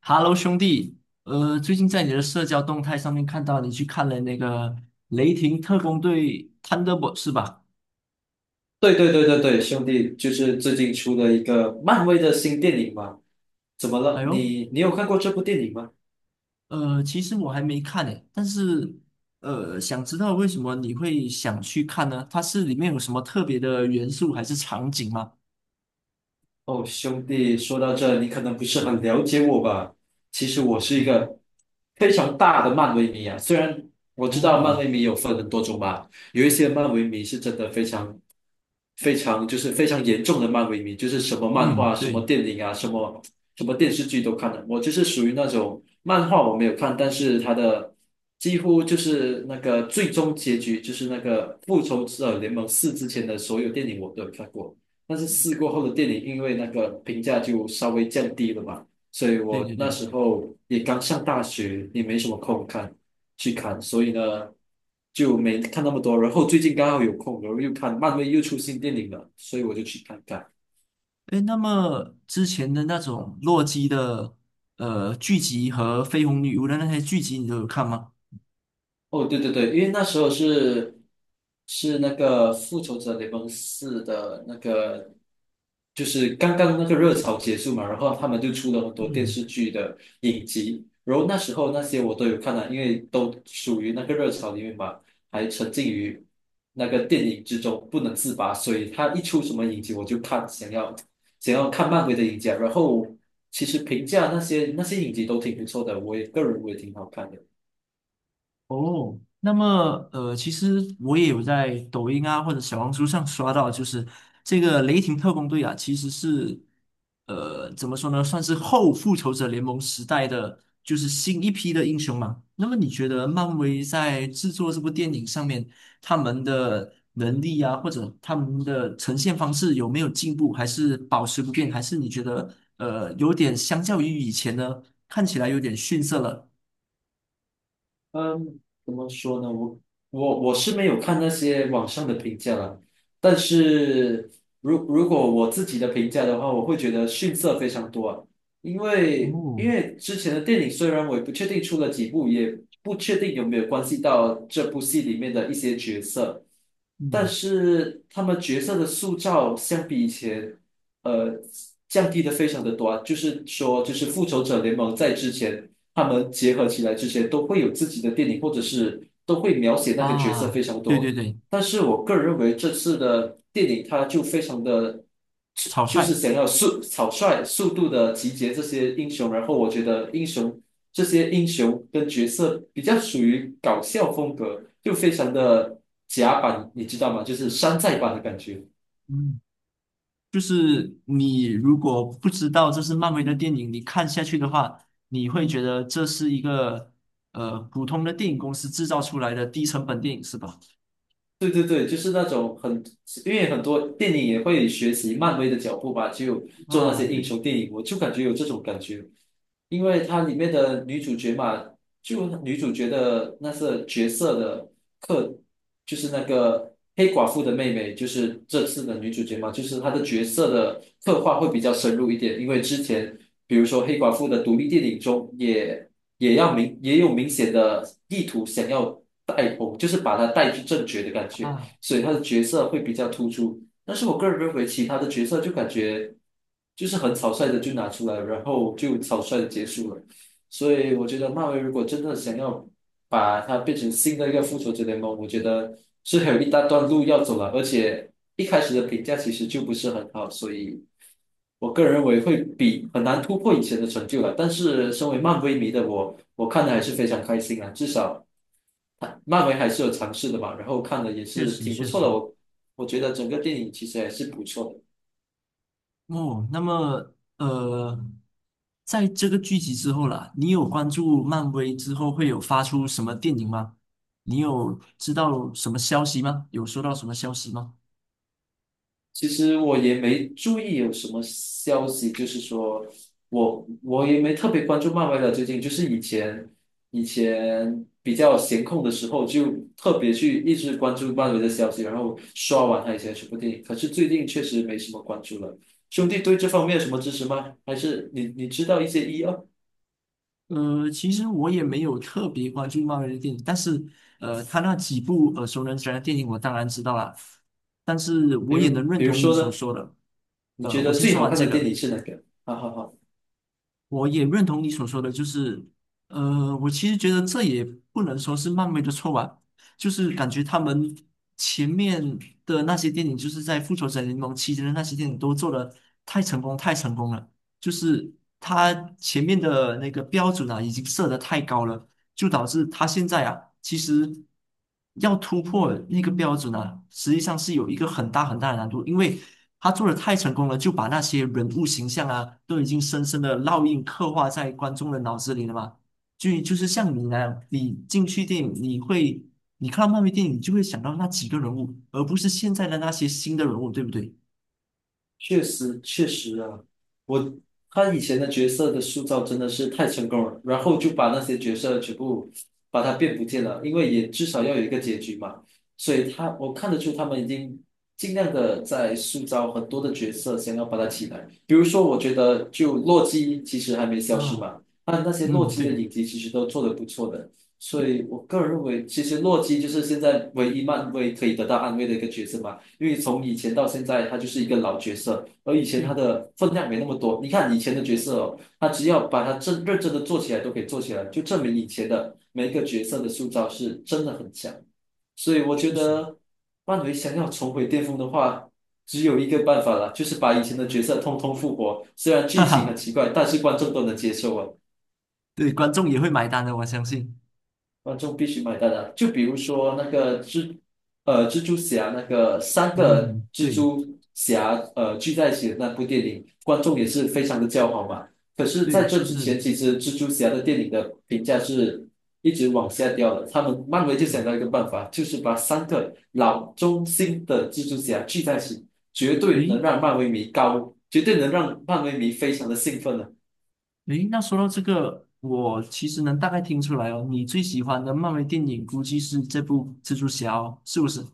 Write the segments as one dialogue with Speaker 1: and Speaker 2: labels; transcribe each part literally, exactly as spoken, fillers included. Speaker 1: Hello，兄弟，呃，最近在你的社交动态上面看到你去看了那个《雷霆特工队 Thunderbolt》是吧？
Speaker 2: 对对对对对，兄弟，就是最近出的一个漫威的新电影嘛？怎么
Speaker 1: 哎
Speaker 2: 了？
Speaker 1: 呦，
Speaker 2: 你你有看过这部电影吗？
Speaker 1: 呃，其实我还没看诶，但是呃，想知道为什么你会想去看呢？它是里面有什么特别的元素还是场景吗？
Speaker 2: 哦，兄弟，说到这，你可能不是很了解我吧？其实我是一
Speaker 1: 嗯。
Speaker 2: 个非常大的漫威迷啊。虽然我知道
Speaker 1: 哦。
Speaker 2: 漫威迷有分很多种吧，有一些漫威迷是真的非常、非常就是非常严重的漫威迷，就是什么漫
Speaker 1: 嗯，
Speaker 2: 画、什么
Speaker 1: 对。
Speaker 2: 电影啊、什么什么电视剧都看的。我就是属于那种漫画我没有看，但是他的几乎就是那个最终结局，就是那个《复仇者联盟四》之前的所有电影我都有看过。但是试过后的电影，因为那个评价就稍微降低了嘛，所以
Speaker 1: 对
Speaker 2: 我
Speaker 1: 对
Speaker 2: 那
Speaker 1: 对。
Speaker 2: 时候也刚上大学，也没什么空看去看，所以呢就没看那么多。然后最近刚好有空，然后又看漫威又出新电影了，所以我就去看看。
Speaker 1: 哎，那么之前的那种洛基的呃剧集和绯红女巫的那些剧集，你都有看吗？
Speaker 2: 哦，对对对，因为那时候是是那个《复仇者联盟四》的那个就是刚刚那个热潮结束嘛，然后他们就出了很多电
Speaker 1: 嗯。
Speaker 2: 视剧的影集，然后那时候那些我都有看了，因为都属于那个热潮里面嘛，还沉浸于那个电影之中不能自拔，所以他一出什么影集我就看，想要想要看漫威的影集啊。然后其实评价那些那些影集都挺不错的，我也个人我也挺好看的。
Speaker 1: 哦，那么呃，其实我也有在抖音啊或者小红书上刷到，就是这个雷霆特工队啊，其实是呃怎么说呢，算是后复仇者联盟时代的就是新一批的英雄嘛。那么你觉得漫威在制作这部电影上面，他们的能力啊，或者他们的呈现方式有没有进步，还是保持不变，还是你觉得呃有点相较于以前呢，看起来有点逊色了？
Speaker 2: 嗯，怎么说呢？我我我是没有看那些网上的评价了，但是如如果我自己的评价的话，我会觉得逊色非常多啊。因为
Speaker 1: 哦。
Speaker 2: 因为之前的电影虽然我也不确定出了几部，也不确定有没有关系到这部戏里面的一些角色，但
Speaker 1: 嗯。
Speaker 2: 是他们角色的塑造相比以前。呃降低的非常的多啊，就是说，就是复仇者联盟在之前他们结合起来之前都会有自己的电影，或者是都会描写那个角色
Speaker 1: 啊，
Speaker 2: 非常
Speaker 1: 对对
Speaker 2: 多。
Speaker 1: 对。
Speaker 2: 但是我个人认为这次的电影它就非常的，
Speaker 1: 草
Speaker 2: 就是
Speaker 1: 率。
Speaker 2: 想要速草率、速度的集结这些英雄，然后我觉得英雄这些英雄跟角色比较属于搞笑风格，就非常的甲板，你知道吗？就是山寨版的感觉。
Speaker 1: 嗯，就是你如果不知道这是漫威的电影，你看下去的话，你会觉得这是一个呃普通的电影公司制造出来的低成本电影，是吧？
Speaker 2: 对对对，就是那种很，因为很多电影也会学习漫威的脚步吧，就做那
Speaker 1: 啊，
Speaker 2: 些英
Speaker 1: 对
Speaker 2: 雄电影，我就感觉有这种感觉。因为它里面的女主角嘛，就女主角的那是角色的刻，就是那个黑寡妇的妹妹，就是这次的女主角嘛，就是她的角色的刻画会比较深入一点，因为之前比如说黑寡妇的独立电影中也也要明也有明显的意图想要带红，就是把她带去正确的感觉，
Speaker 1: 啊。
Speaker 2: 所以她的角色会比较突出。但是我个人认为其他的角色就感觉就是很草率的就拿出来，然后就草率的结束了。所以我觉得漫威如果真的想要把它变成新的一个复仇者联盟，我觉得是还有一大段路要走了，而且一开始的评价其实就不是很好，所以我个人认为会比很难突破以前的成就了。但是身为漫威迷的我，我看的还是非常开心啊，至少。漫威还是有尝试的嘛，然后看的也
Speaker 1: 确
Speaker 2: 是
Speaker 1: 实
Speaker 2: 挺不
Speaker 1: 确
Speaker 2: 错
Speaker 1: 实。
Speaker 2: 的。我我觉得整个电影其实还是不错的。
Speaker 1: 哦，那么呃，在这个剧集之后啦，你有关注漫威之后会有发出什么电影吗？你有知道什么消息吗？有收到什么消息吗？
Speaker 2: 其实我也没注意有什么消息，就是说我我也没特别关注漫威了。最近就是以前以前比较闲空的时候，就特别去一直关注漫威的消息，然后刷完他以前什么电影。可是最近确实没什么关注了。兄弟对这方面有什么支持吗？还是你你知道一些一二，
Speaker 1: 呃，其实我也没有特别关注漫威的电影，但是呃，他那几部呃，熟能详的电影我当然知道啦，但是
Speaker 2: 比
Speaker 1: 我也能
Speaker 2: 如
Speaker 1: 认
Speaker 2: 比如
Speaker 1: 同你
Speaker 2: 说
Speaker 1: 所
Speaker 2: 呢？
Speaker 1: 说的。
Speaker 2: 你
Speaker 1: 呃，
Speaker 2: 觉
Speaker 1: 我
Speaker 2: 得
Speaker 1: 先
Speaker 2: 最
Speaker 1: 说
Speaker 2: 好
Speaker 1: 完
Speaker 2: 看
Speaker 1: 这
Speaker 2: 的电
Speaker 1: 个，
Speaker 2: 影是哪个？好好好。
Speaker 1: 我也认同你所说的，就是呃，我其实觉得这也不能说是漫威的错吧，就是感觉他们前面的那些电影，就是在复仇者联盟期间的那些电影都做的太成功，太成功了。就是它前面的那个标准啊，已经设得太高了，就导致他现在啊，其实要突破那个标准啊，实际上是有一个很大很大的难度，因为他做的太成功了，就把那些人物形象啊，都已经深深的烙印刻画在观众的脑子里了嘛。就就是像你那样，你进去电影，你会你看到漫威电影，你就会想到那几个人物，而不是现在的那些新的人物，对不对？
Speaker 2: 确实，确实啊，我他以前的角色的塑造真的是太成功了，然后就把那些角色全部把它变不见了，因为也至少要有一个结局嘛，所以他我看得出他们已经尽量的在塑造很多的角色，想要把它起来。比如说，我觉得就洛基其实还没消失
Speaker 1: 啊。
Speaker 2: 嘛，那那些洛
Speaker 1: 嗯，
Speaker 2: 基的
Speaker 1: 对
Speaker 2: 影集其实都做得不错的，所以我个人认为，其实洛基就是现在唯一漫威可以得到安慰的一个角色嘛。因为从以前到现在，他就是一个老角色，而以前他
Speaker 1: 对。
Speaker 2: 的分量没那么多。你看以前的角色哦，他只要把他真认真的做起来，都可以做起来，就证明以前的每一个角色的塑造是真的很强。所以我觉
Speaker 1: 确实。
Speaker 2: 得，漫威想要重回巅峰的话，只有一个办法了，就是把以前的角色通通复活。虽然
Speaker 1: 哈
Speaker 2: 剧情很
Speaker 1: 哈，
Speaker 2: 奇怪，但是观众都能接受啊。
Speaker 1: 对，观众也会买单的，我相信。
Speaker 2: 观众必须买单的。就比如说那个蜘，呃，蜘蛛侠那个三个
Speaker 1: 嗯，
Speaker 2: 蜘
Speaker 1: 对
Speaker 2: 蛛侠呃聚在一起的那部电影，观众也是非常的叫好嘛。可是在
Speaker 1: 对，
Speaker 2: 这
Speaker 1: 就
Speaker 2: 之前，
Speaker 1: 是。
Speaker 2: 其实蜘蛛侠的电影的评价是一直往下掉的。他们漫威就想
Speaker 1: 嗯。
Speaker 2: 到一个办法，就是把三个老中心的蜘蛛侠聚在一起，绝对能
Speaker 1: 诶，
Speaker 2: 让漫威迷高，绝对能让漫威迷非常的兴奋的。
Speaker 1: 诶，那说到这个，我其实能大概听出来哦，你最喜欢的漫威电影估计是这部蜘蛛侠哦，是不是？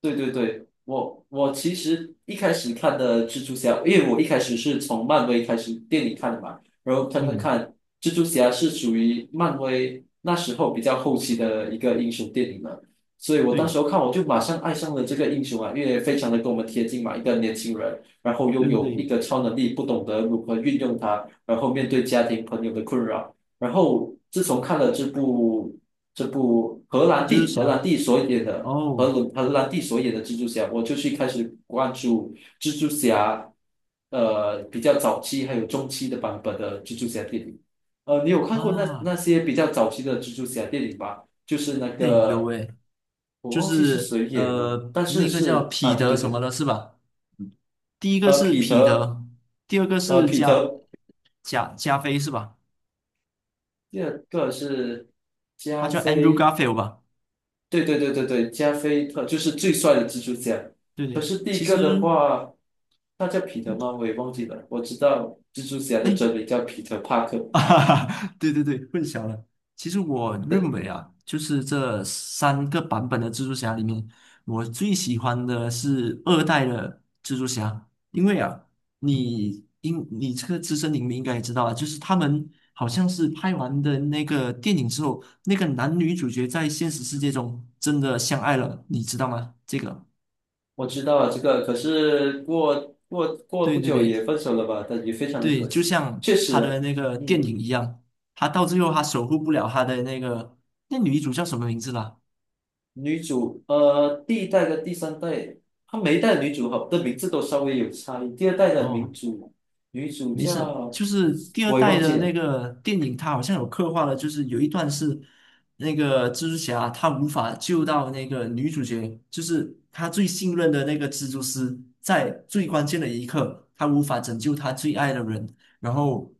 Speaker 2: 对对对，我我其实一开始看的蜘蛛侠，因为我一开始是从漫威开始电影看的嘛，然后看看
Speaker 1: 嗯，
Speaker 2: 看，蜘蛛侠是属于漫威那时候比较后期的一个英雄电影了，所以我当
Speaker 1: 对
Speaker 2: 时候看我就马上爱上了这个英雄啊，因为非常的跟我们贴近嘛，一个年轻人，然后
Speaker 1: 对
Speaker 2: 拥有
Speaker 1: 对
Speaker 2: 一
Speaker 1: 对，
Speaker 2: 个超能力，不懂得如何运用它，然后面对家庭朋友的困扰，然后自从看了这部这部荷兰
Speaker 1: 蜘蛛
Speaker 2: 弟荷
Speaker 1: 侠。
Speaker 2: 兰弟所演的。和
Speaker 1: 哦，
Speaker 2: 鲁荷兰弟所演的蜘蛛侠，我就去开始关注蜘蛛侠，呃，比较早期还有中期的版本的蜘蛛侠电影。呃，你有看过那
Speaker 1: 啊，
Speaker 2: 那些比较早期的蜘蛛侠电影吗？就是那
Speaker 1: 哎，有
Speaker 2: 个
Speaker 1: 哎，
Speaker 2: 我
Speaker 1: 就
Speaker 2: 忘记是
Speaker 1: 是
Speaker 2: 谁演的，
Speaker 1: 呃，
Speaker 2: 但是
Speaker 1: 那个叫
Speaker 2: 是
Speaker 1: 彼
Speaker 2: 啊，对
Speaker 1: 得
Speaker 2: 对
Speaker 1: 什
Speaker 2: 对，
Speaker 1: 么的，是吧？第一个
Speaker 2: 呃，
Speaker 1: 是
Speaker 2: 彼
Speaker 1: 彼
Speaker 2: 得，
Speaker 1: 得，第二个
Speaker 2: 呃，
Speaker 1: 是
Speaker 2: 彼
Speaker 1: 加
Speaker 2: 得，
Speaker 1: 加加菲是吧？
Speaker 2: 第二个是
Speaker 1: 他
Speaker 2: 加
Speaker 1: 叫 Andrew
Speaker 2: 菲。
Speaker 1: Garfield 吧？
Speaker 2: 对对对对对，加菲特就是最帅的蜘蛛侠。
Speaker 1: 对
Speaker 2: 可
Speaker 1: 对，
Speaker 2: 是第一
Speaker 1: 其
Speaker 2: 个
Speaker 1: 实。
Speaker 2: 的话，他叫彼得吗？我也忘记了。我知道蜘蛛侠的真
Speaker 1: 哎。
Speaker 2: 名叫彼得帕克，
Speaker 1: 啊，哈，对对对，混淆了。其实我认
Speaker 2: 对，
Speaker 1: 为啊，就是这三个版本的蜘蛛侠里面，我最喜欢的是二代的蜘蛛侠，因为啊，你应你这个资深影迷应该也知道啊，就是他们好像是拍完的那个电影之后，那个男女主角在现实世界中真的相爱了，你知道吗？这个。
Speaker 2: 我知道了这个。可是过过过
Speaker 1: 对
Speaker 2: 不
Speaker 1: 对
Speaker 2: 久
Speaker 1: 对，
Speaker 2: 也分手了吧？但也非常的
Speaker 1: 对，
Speaker 2: 可
Speaker 1: 就
Speaker 2: 惜。
Speaker 1: 像
Speaker 2: 确
Speaker 1: 他的
Speaker 2: 实，
Speaker 1: 那个电
Speaker 2: 嗯，
Speaker 1: 影一样，他到最后他守护不了他的那个，那女主叫什么名字啦？
Speaker 2: 女主呃第一代跟第三代，她每一代的女主好的名字都稍微有差异。第二代的女
Speaker 1: 哦。
Speaker 2: 主女主
Speaker 1: 没事，
Speaker 2: 叫
Speaker 1: 就是第二
Speaker 2: 我也
Speaker 1: 代
Speaker 2: 忘记
Speaker 1: 的那
Speaker 2: 了。
Speaker 1: 个电影，它好像有刻画了，就是有一段是那个蜘蛛侠他无法救到那个女主角，就是他最信任的那个蜘蛛丝，在最关键的一刻，他无法拯救他最爱的人，然后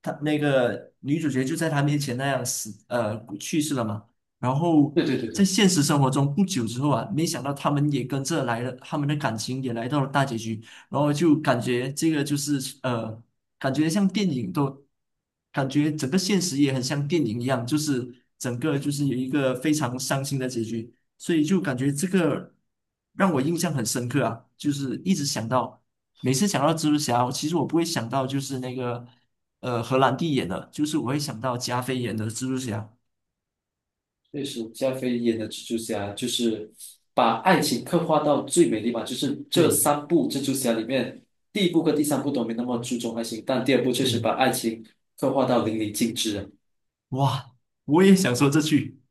Speaker 1: 他那个女主角就在他面前那样死，呃，去世了嘛。然后
Speaker 2: 对对对
Speaker 1: 在
Speaker 2: 对。
Speaker 1: 现实生活中不久之后啊，没想到他们也跟着来了，他们的感情也来到了大结局。然后就感觉这个就是呃，感觉像电影都，感觉整个现实也很像电影一样，就是整个就是有一个非常伤心的结局，所以就感觉这个让我印象很深刻啊，就是一直想到，每次想到蜘蛛侠，其实我不会想到就是那个呃荷兰弟演的，就是我会想到加菲演的蜘蛛侠，
Speaker 2: 确实，加菲演的蜘蛛侠就是把爱情刻画到最美丽嘛，就是这
Speaker 1: 对
Speaker 2: 三部蜘蛛侠里面，第一部和第三部都没那么注重爱情，但第二部确实
Speaker 1: 对，
Speaker 2: 把爱情刻画到淋漓尽致啊。
Speaker 1: 哇，我也想说这句。